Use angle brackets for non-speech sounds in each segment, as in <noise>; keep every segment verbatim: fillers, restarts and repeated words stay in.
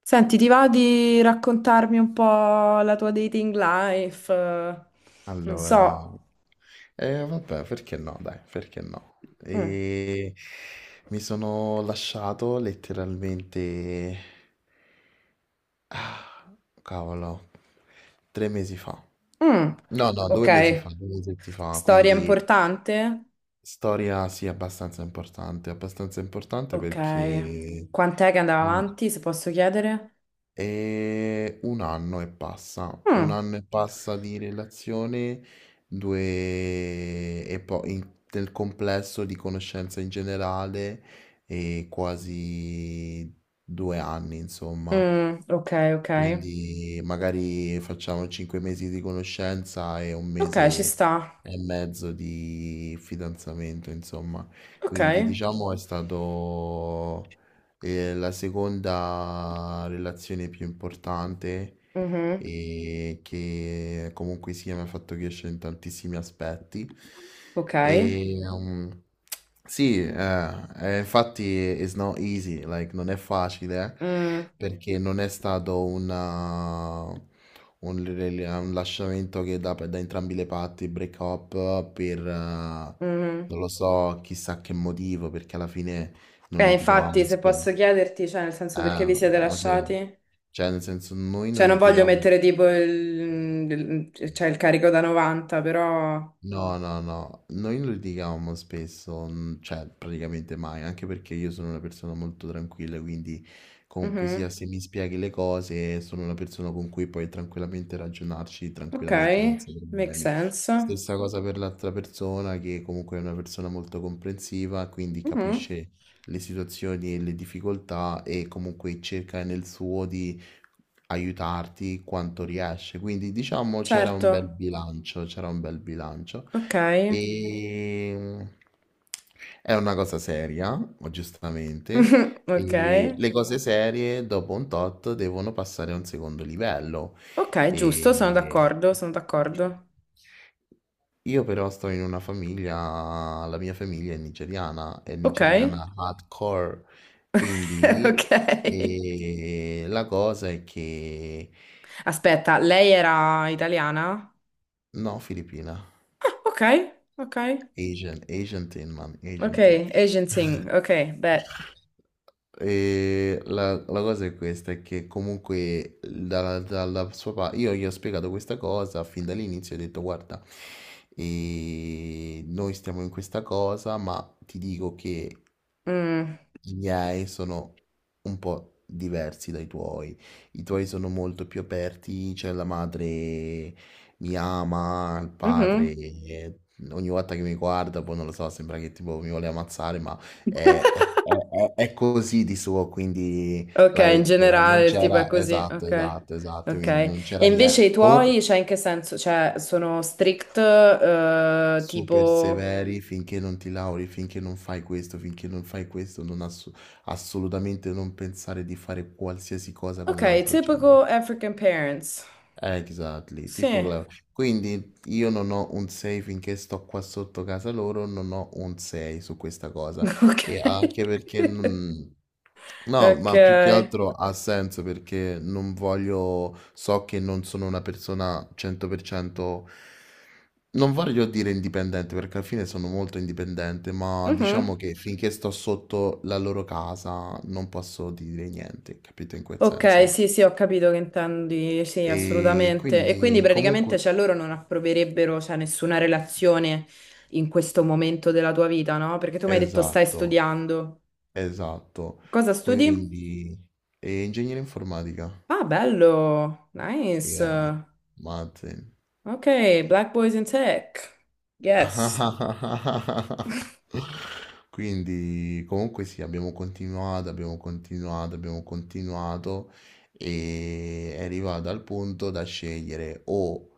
Senti, ti va di raccontarmi un po' la tua dating life? Eh. Non so. Allora, eh, vabbè, perché no? Dai, perché no? Mm. E mi sono lasciato letteralmente, ah, cavolo, tre mesi fa. Mm. No, no, Ok, due mesi fa, due mesi fa, storia quindi importante? storia sì, abbastanza importante, abbastanza importante Ok. perché Quant'è che andava mm, avanti, se posso chiedere? e un anno e passa, un Mm. anno e passa di relazione, due e poi in- nel complesso di conoscenza in generale e quasi due anni, insomma. Mm. Ok, ok. Quindi magari facciamo cinque mesi di conoscenza e un Ok, ci mese sta. e mezzo di fidanzamento, insomma. Ok. Quindi diciamo è stato eh, la seconda relazione più importante Mhm. e che comunque sia mi ha fatto crescere in tantissimi aspetti. Ok. E, um, sì, eh, eh, infatti it's not easy, like, non è facile, Mm. perché non è stato una- un, rel- un lasciamento che da, da entrambi le parti, break up, per, eh, Mhm. non lo so, chissà che motivo, perché alla fine non Eh, infatti, litigavamo se posso spesso. chiederti, cioè, nel senso, Eh, perché vi siete no, cioè, lasciati? cioè, nel senso, noi Cioè, non non voglio litigavamo. mettere tipo il, il- cioè, il carico da novanta, però. No, no, no, noi non litigavamo spesso, mm, cioè praticamente mai, anche perché io sono una persona molto tranquilla, quindi comunque sia Mhm. se mi spieghi le cose, sono una persona con cui puoi tranquillamente ragionarci, Ok, tranquillamente, senza make problemi. sense. Stessa cosa per l'altra persona, che comunque è una persona molto comprensiva, quindi Mhm. capisce le situazioni e le difficoltà e comunque cerca nel suo di aiutarti quanto riesce. Quindi diciamo c'era Certo, un bel bilancio, c'era un bel bilancio. ok. E è una cosa seria, giustamente, <laughs> Ok, e le cose serie dopo un tot devono passare a un secondo livello. ok, giusto, sono E d'accordo, sono d'accordo. io però sto in una famiglia, la mia famiglia è nigeriana, è Ok, nigeriana hardcore, <laughs> quindi ok. eh, la cosa è che Aspetta, lei era italiana? Ah. no, Filippina, Ok, ok, Asian, Asian Tin, man, ok, Asian Tin. Asian thing, <laughs> ok, beh. E la, la cosa è questa, è che comunque dalla, dalla sua parte, io gli ho spiegato questa cosa fin dall'inizio, ho detto guarda, eh, noi stiamo in questa cosa, ma ti dico che Mm. I miei sono un po' diversi dai tuoi. I tuoi sono molto più aperti, cioè la madre mi ama, il padre Mhm. eh, ogni volta che mi guarda, poi non lo so, sembra che tipo mi vuole ammazzare, ma è, è- è- è così di suo, quindi Ok, in like, non generale il tipo è c'era, così, esatto, ok. esatto, esatto, Ok. quindi non E c'era invece i niente. Comunque, tuoi, cioè in che senso? Cioè, sono strict, eh, super tipo. severi finché non ti lauri, finché non fai questo, finché non fai questo, non ass- assolutamente non pensare di fare qualsiasi cosa con Ok, l'altro genere. typical African parents. Exactly, tipo Sì. Clau. Quindi io non ho un sei finché sto qua sotto casa loro, non ho un sei su questa cosa. <laughs> E Ok. anche perché non. No, Ok. ma più che altro ha senso perché non voglio, so che non sono una persona cento per cento, non voglio dire indipendente perché alla fine sono molto indipendente, ma diciamo Mhm. che finché sto sotto la loro casa non posso dire niente, capito in quel Ok, senso? sì, sì, ho capito che intendi, sì, E assolutamente. E quindi quindi comunque praticamente, cioè, loro non approverebbero, cioè, nessuna relazione in questo momento della tua vita, no? Perché tu mi hai detto stai Esatto, studiando. esatto. Cosa studi? Quindi, e ingegneria informatica? Ah, bello. Nice. Yeah, Martin. Ok, Black Boys in Tech. Yes. <laughs> Quindi, comunque sì, abbiamo continuato, abbiamo continuato, abbiamo continuato e è arrivato al punto da scegliere o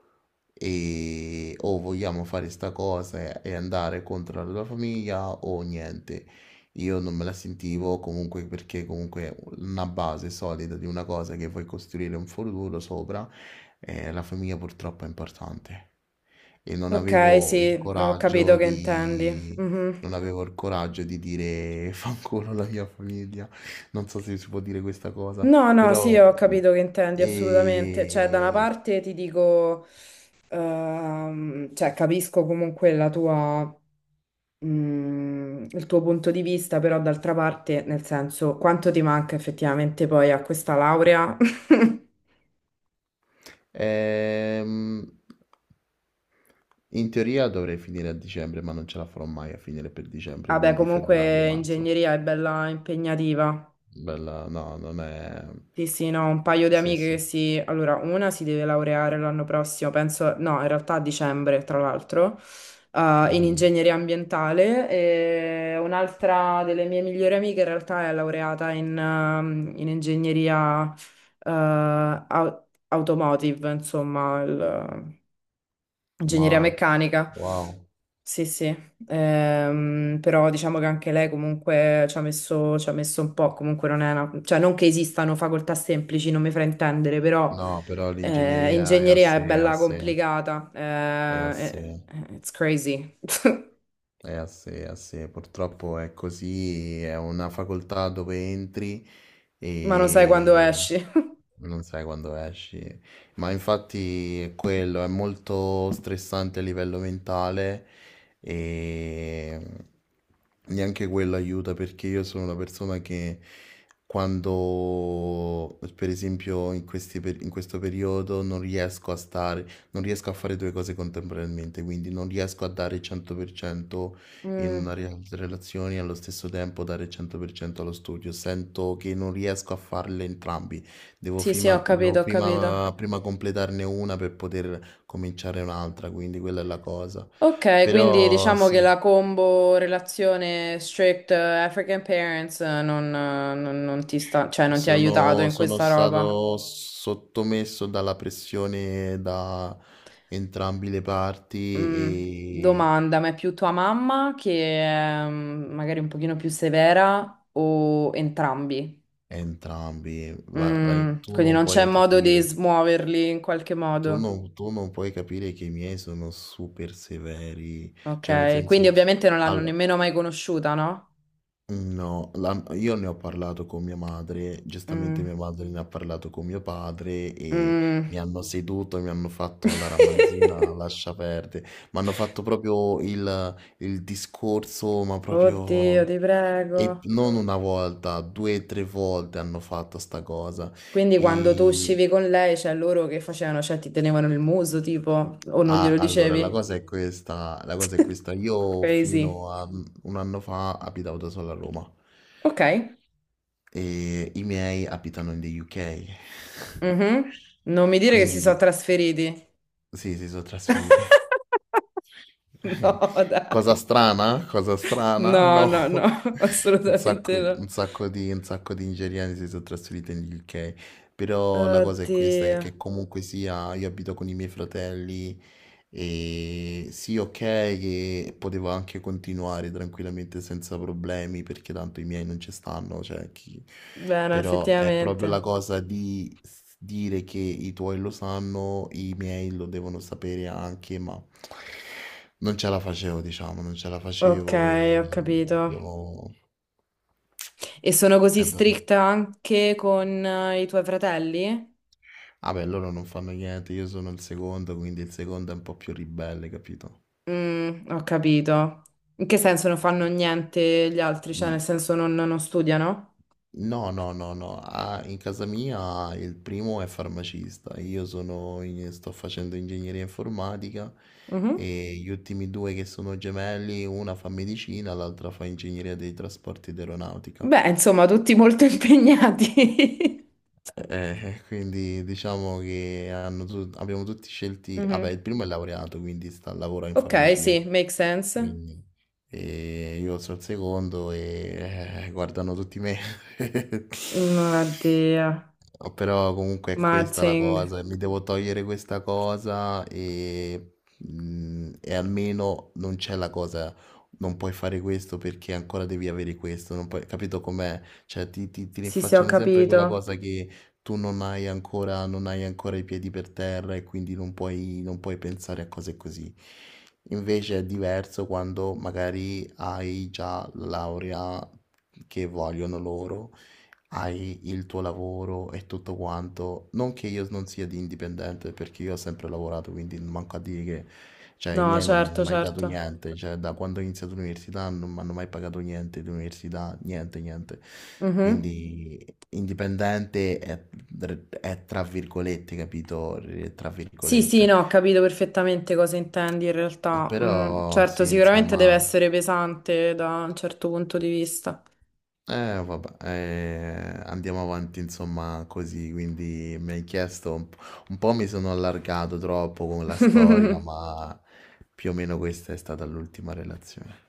e o vogliamo fare sta cosa e andare contro la tua famiglia o niente. Io non me la sentivo comunque perché comunque una base solida di una cosa che vuoi costruire un futuro sopra, eh, la famiglia purtroppo è importante. E non Ok, avevo il sì, ho capito coraggio che intendi. di. Mhm. Non avevo il coraggio di dire <laughs> fanculo la mia famiglia, non so se si può dire questa cosa, No, no, sì, però. ho capito che intendi assolutamente. Cioè, da una E. parte ti dico, ehm, cioè, capisco comunque la tua, mm, il tuo punto di vista, però d'altra parte, nel senso, quanto ti manca effettivamente poi a questa laurea? <laughs> Ehm, In teoria dovrei finire a dicembre, ma non ce la farò mai a finire per dicembre, Vabbè, quindi comunque febbraio-marzo. ingegneria è bella impegnativa. Bella, no, non è. Sì, sì, no, un paio di Sì, amiche che sì. si. Allora, una si deve laureare l'anno prossimo, penso, no, in realtà a dicembre, tra l'altro, eh, in Mhm. ingegneria ambientale e un'altra delle mie migliori amiche in realtà è laureata in, ehm, in ingegneria, eh, au- automotive, insomma, il- Ingegneria Ma, meccanica, wow. sì, sì, Ehm, però diciamo che anche lei comunque ci ha messo, ci ha messo un po', comunque non è una, cioè non che esistano facoltà semplici, non mi fraintendere, però No, però eh, l'ingegneria è a ingegneria è sé, è a bella sé, complicata. è a sé, Eh, eh, it's crazy, <laughs> è a sé, è a sé. Purtroppo è così, è una facoltà dove entri ma non sai quando e esci. non sai quando esci. Ma infatti è quello, è molto stressante a livello mentale e neanche quello aiuta perché io sono una persona che quando, per esempio, in questi per- in questo periodo non riesco a stare, non riesco a fare due cose contemporaneamente, quindi non riesco a dare il cento per cento in Mm, una rea- relazione e allo stesso tempo dare il cento per cento allo studio. Sento che non riesco a farle entrambi. Devo sì, sì, prima, ho devo capito, ho prima, capito. prima completarne una per poter cominciare un'altra, quindi quella è la cosa. Ok, quindi Però diciamo che sì, la combo relazione strict eh, African parents eh, non, eh, non- non ti sta, cioè non ti ha aiutato sono, in sono questa roba. stato sottomesso dalla pressione da entrambi le parti Mm, e domanda, ma è più tua mamma che è mm, magari un pochino più severa o entrambi? entrambi, va- vai, Mm, tu quindi non non c'è puoi modo di capire. smuoverli in qualche Tu modo. non, tu non puoi capire che i miei sono super severi, cioè nel Ok, quindi senso, ovviamente non l'hanno allora, nemmeno mai conosciuta, no? no, la- io ne ho parlato con mia madre, giustamente Mm, mia madre ne ha parlato con mio padre e mi mm. hanno seduto, mi hanno fatto la ramanzina, <laughs> lascia perdere, mi hanno fatto proprio il, il discorso, ma Oddio, proprio. ti prego. E non una volta, due o tre volte hanno fatto sta cosa. Quindi quando tu E, uscivi con lei, cioè loro che facevano? Cioè ti tenevano il muso, tipo, o non Ah, glielo allora, la dicevi? cosa è questa, la cosa è questa. <laughs> Io Crazy. fino a mm, un anno fa abitavo da solo a Roma Ok. e i miei abitano in the U K. Mhm. Non mi <laughs> dire che si sono Quindi trasferiti. sì, si sono trasferiti. <laughs> No, <laughs> dai. Cosa strana? Cosa strana? No, No. no, no, <laughs> Un sacco, assolutamente no. un sacco di, un sacco di nigeriani si sono trasferiti in U K. Però la cosa è questa, è Oddio. che comunque sia, io abito con i miei fratelli e sì, ok, che potevo anche continuare tranquillamente senza problemi perché tanto i miei non ci stanno, cioè chi. Bene, Però è proprio la effettivamente. cosa di s- dire che i tuoi lo sanno, i miei lo devono sapere anche, ma. Non ce la facevo diciamo, non ce la Ok, facevo e ho capito. abbiamo E sono così Eh vabbè. stricta anche con eh, i tuoi fratelli? Ah beh, loro non fanno niente, io sono il secondo, quindi il secondo è un po' più ribelle, capito? Mm, ho capito. In che senso non fanno niente gli altri? Cioè, N nel senso non, non studiano? no, no, no, no, ah, in casa mia il primo è farmacista, io sono in sto facendo ingegneria informatica Mhm. e gli ultimi due che sono gemelli, una fa medicina, l'altra fa ingegneria dei trasporti ed aeronautica. Beh, insomma, tutti molto <laughs> impegnati. Eh, quindi diciamo che hanno tu- abbiamo tutti scelti, vabbè, Mhm. il primo è laureato, quindi sta, lavora in Ok, farmacia, sì, make sense. quindi e io sono il secondo e eh, guardano tutti me. <laughs> Non Oddio. No, Però comunque è questa la Mazzing. cosa, mi devo togliere questa cosa e, mm, e almeno non c'è la cosa, non puoi fare questo perché ancora devi avere questo, non puoi, capito com'è? Cioè ti, ti, ti Sì, sì, ho rinfacciano sempre quella capito. cosa che tu non hai ancora, non hai ancora i piedi per terra e quindi non puoi, non puoi pensare a cose così. Invece è diverso quando magari hai già la laurea che vogliono loro hai il tuo lavoro e tutto quanto. Non che io non sia di indipendente, perché io ho sempre lavorato, quindi manco a dire che, cioè, i No, miei non mi hanno certo, mai dato certo. niente. Cioè, da quando ho iniziato l'università non mi hanno mai pagato niente di università, niente, niente. Mhm. Quindi indipendente è, è tra virgolette, capito? Tra Sì, sì, virgolette. no, ho capito perfettamente cosa intendi in realtà. Mm, Però certo, sì, sicuramente deve insomma. essere pesante da un certo punto di vista. Eh vabbè, eh, andiamo avanti insomma così, quindi mi hai chiesto, un po', un po' mi sono allargato troppo con la storia, <laughs> ma più o meno questa è stata l'ultima relazione.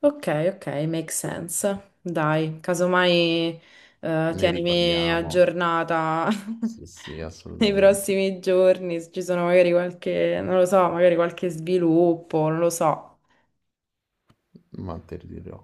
Ok, ok, make sense. Dai, casomai eh, Ne tienimi riparliamo? aggiornata Sì, sì, <laughs> nei assolutamente, prossimi giorni, se ci sono magari qualche, non lo so, magari qualche sviluppo, non lo so. ma te lo dirò.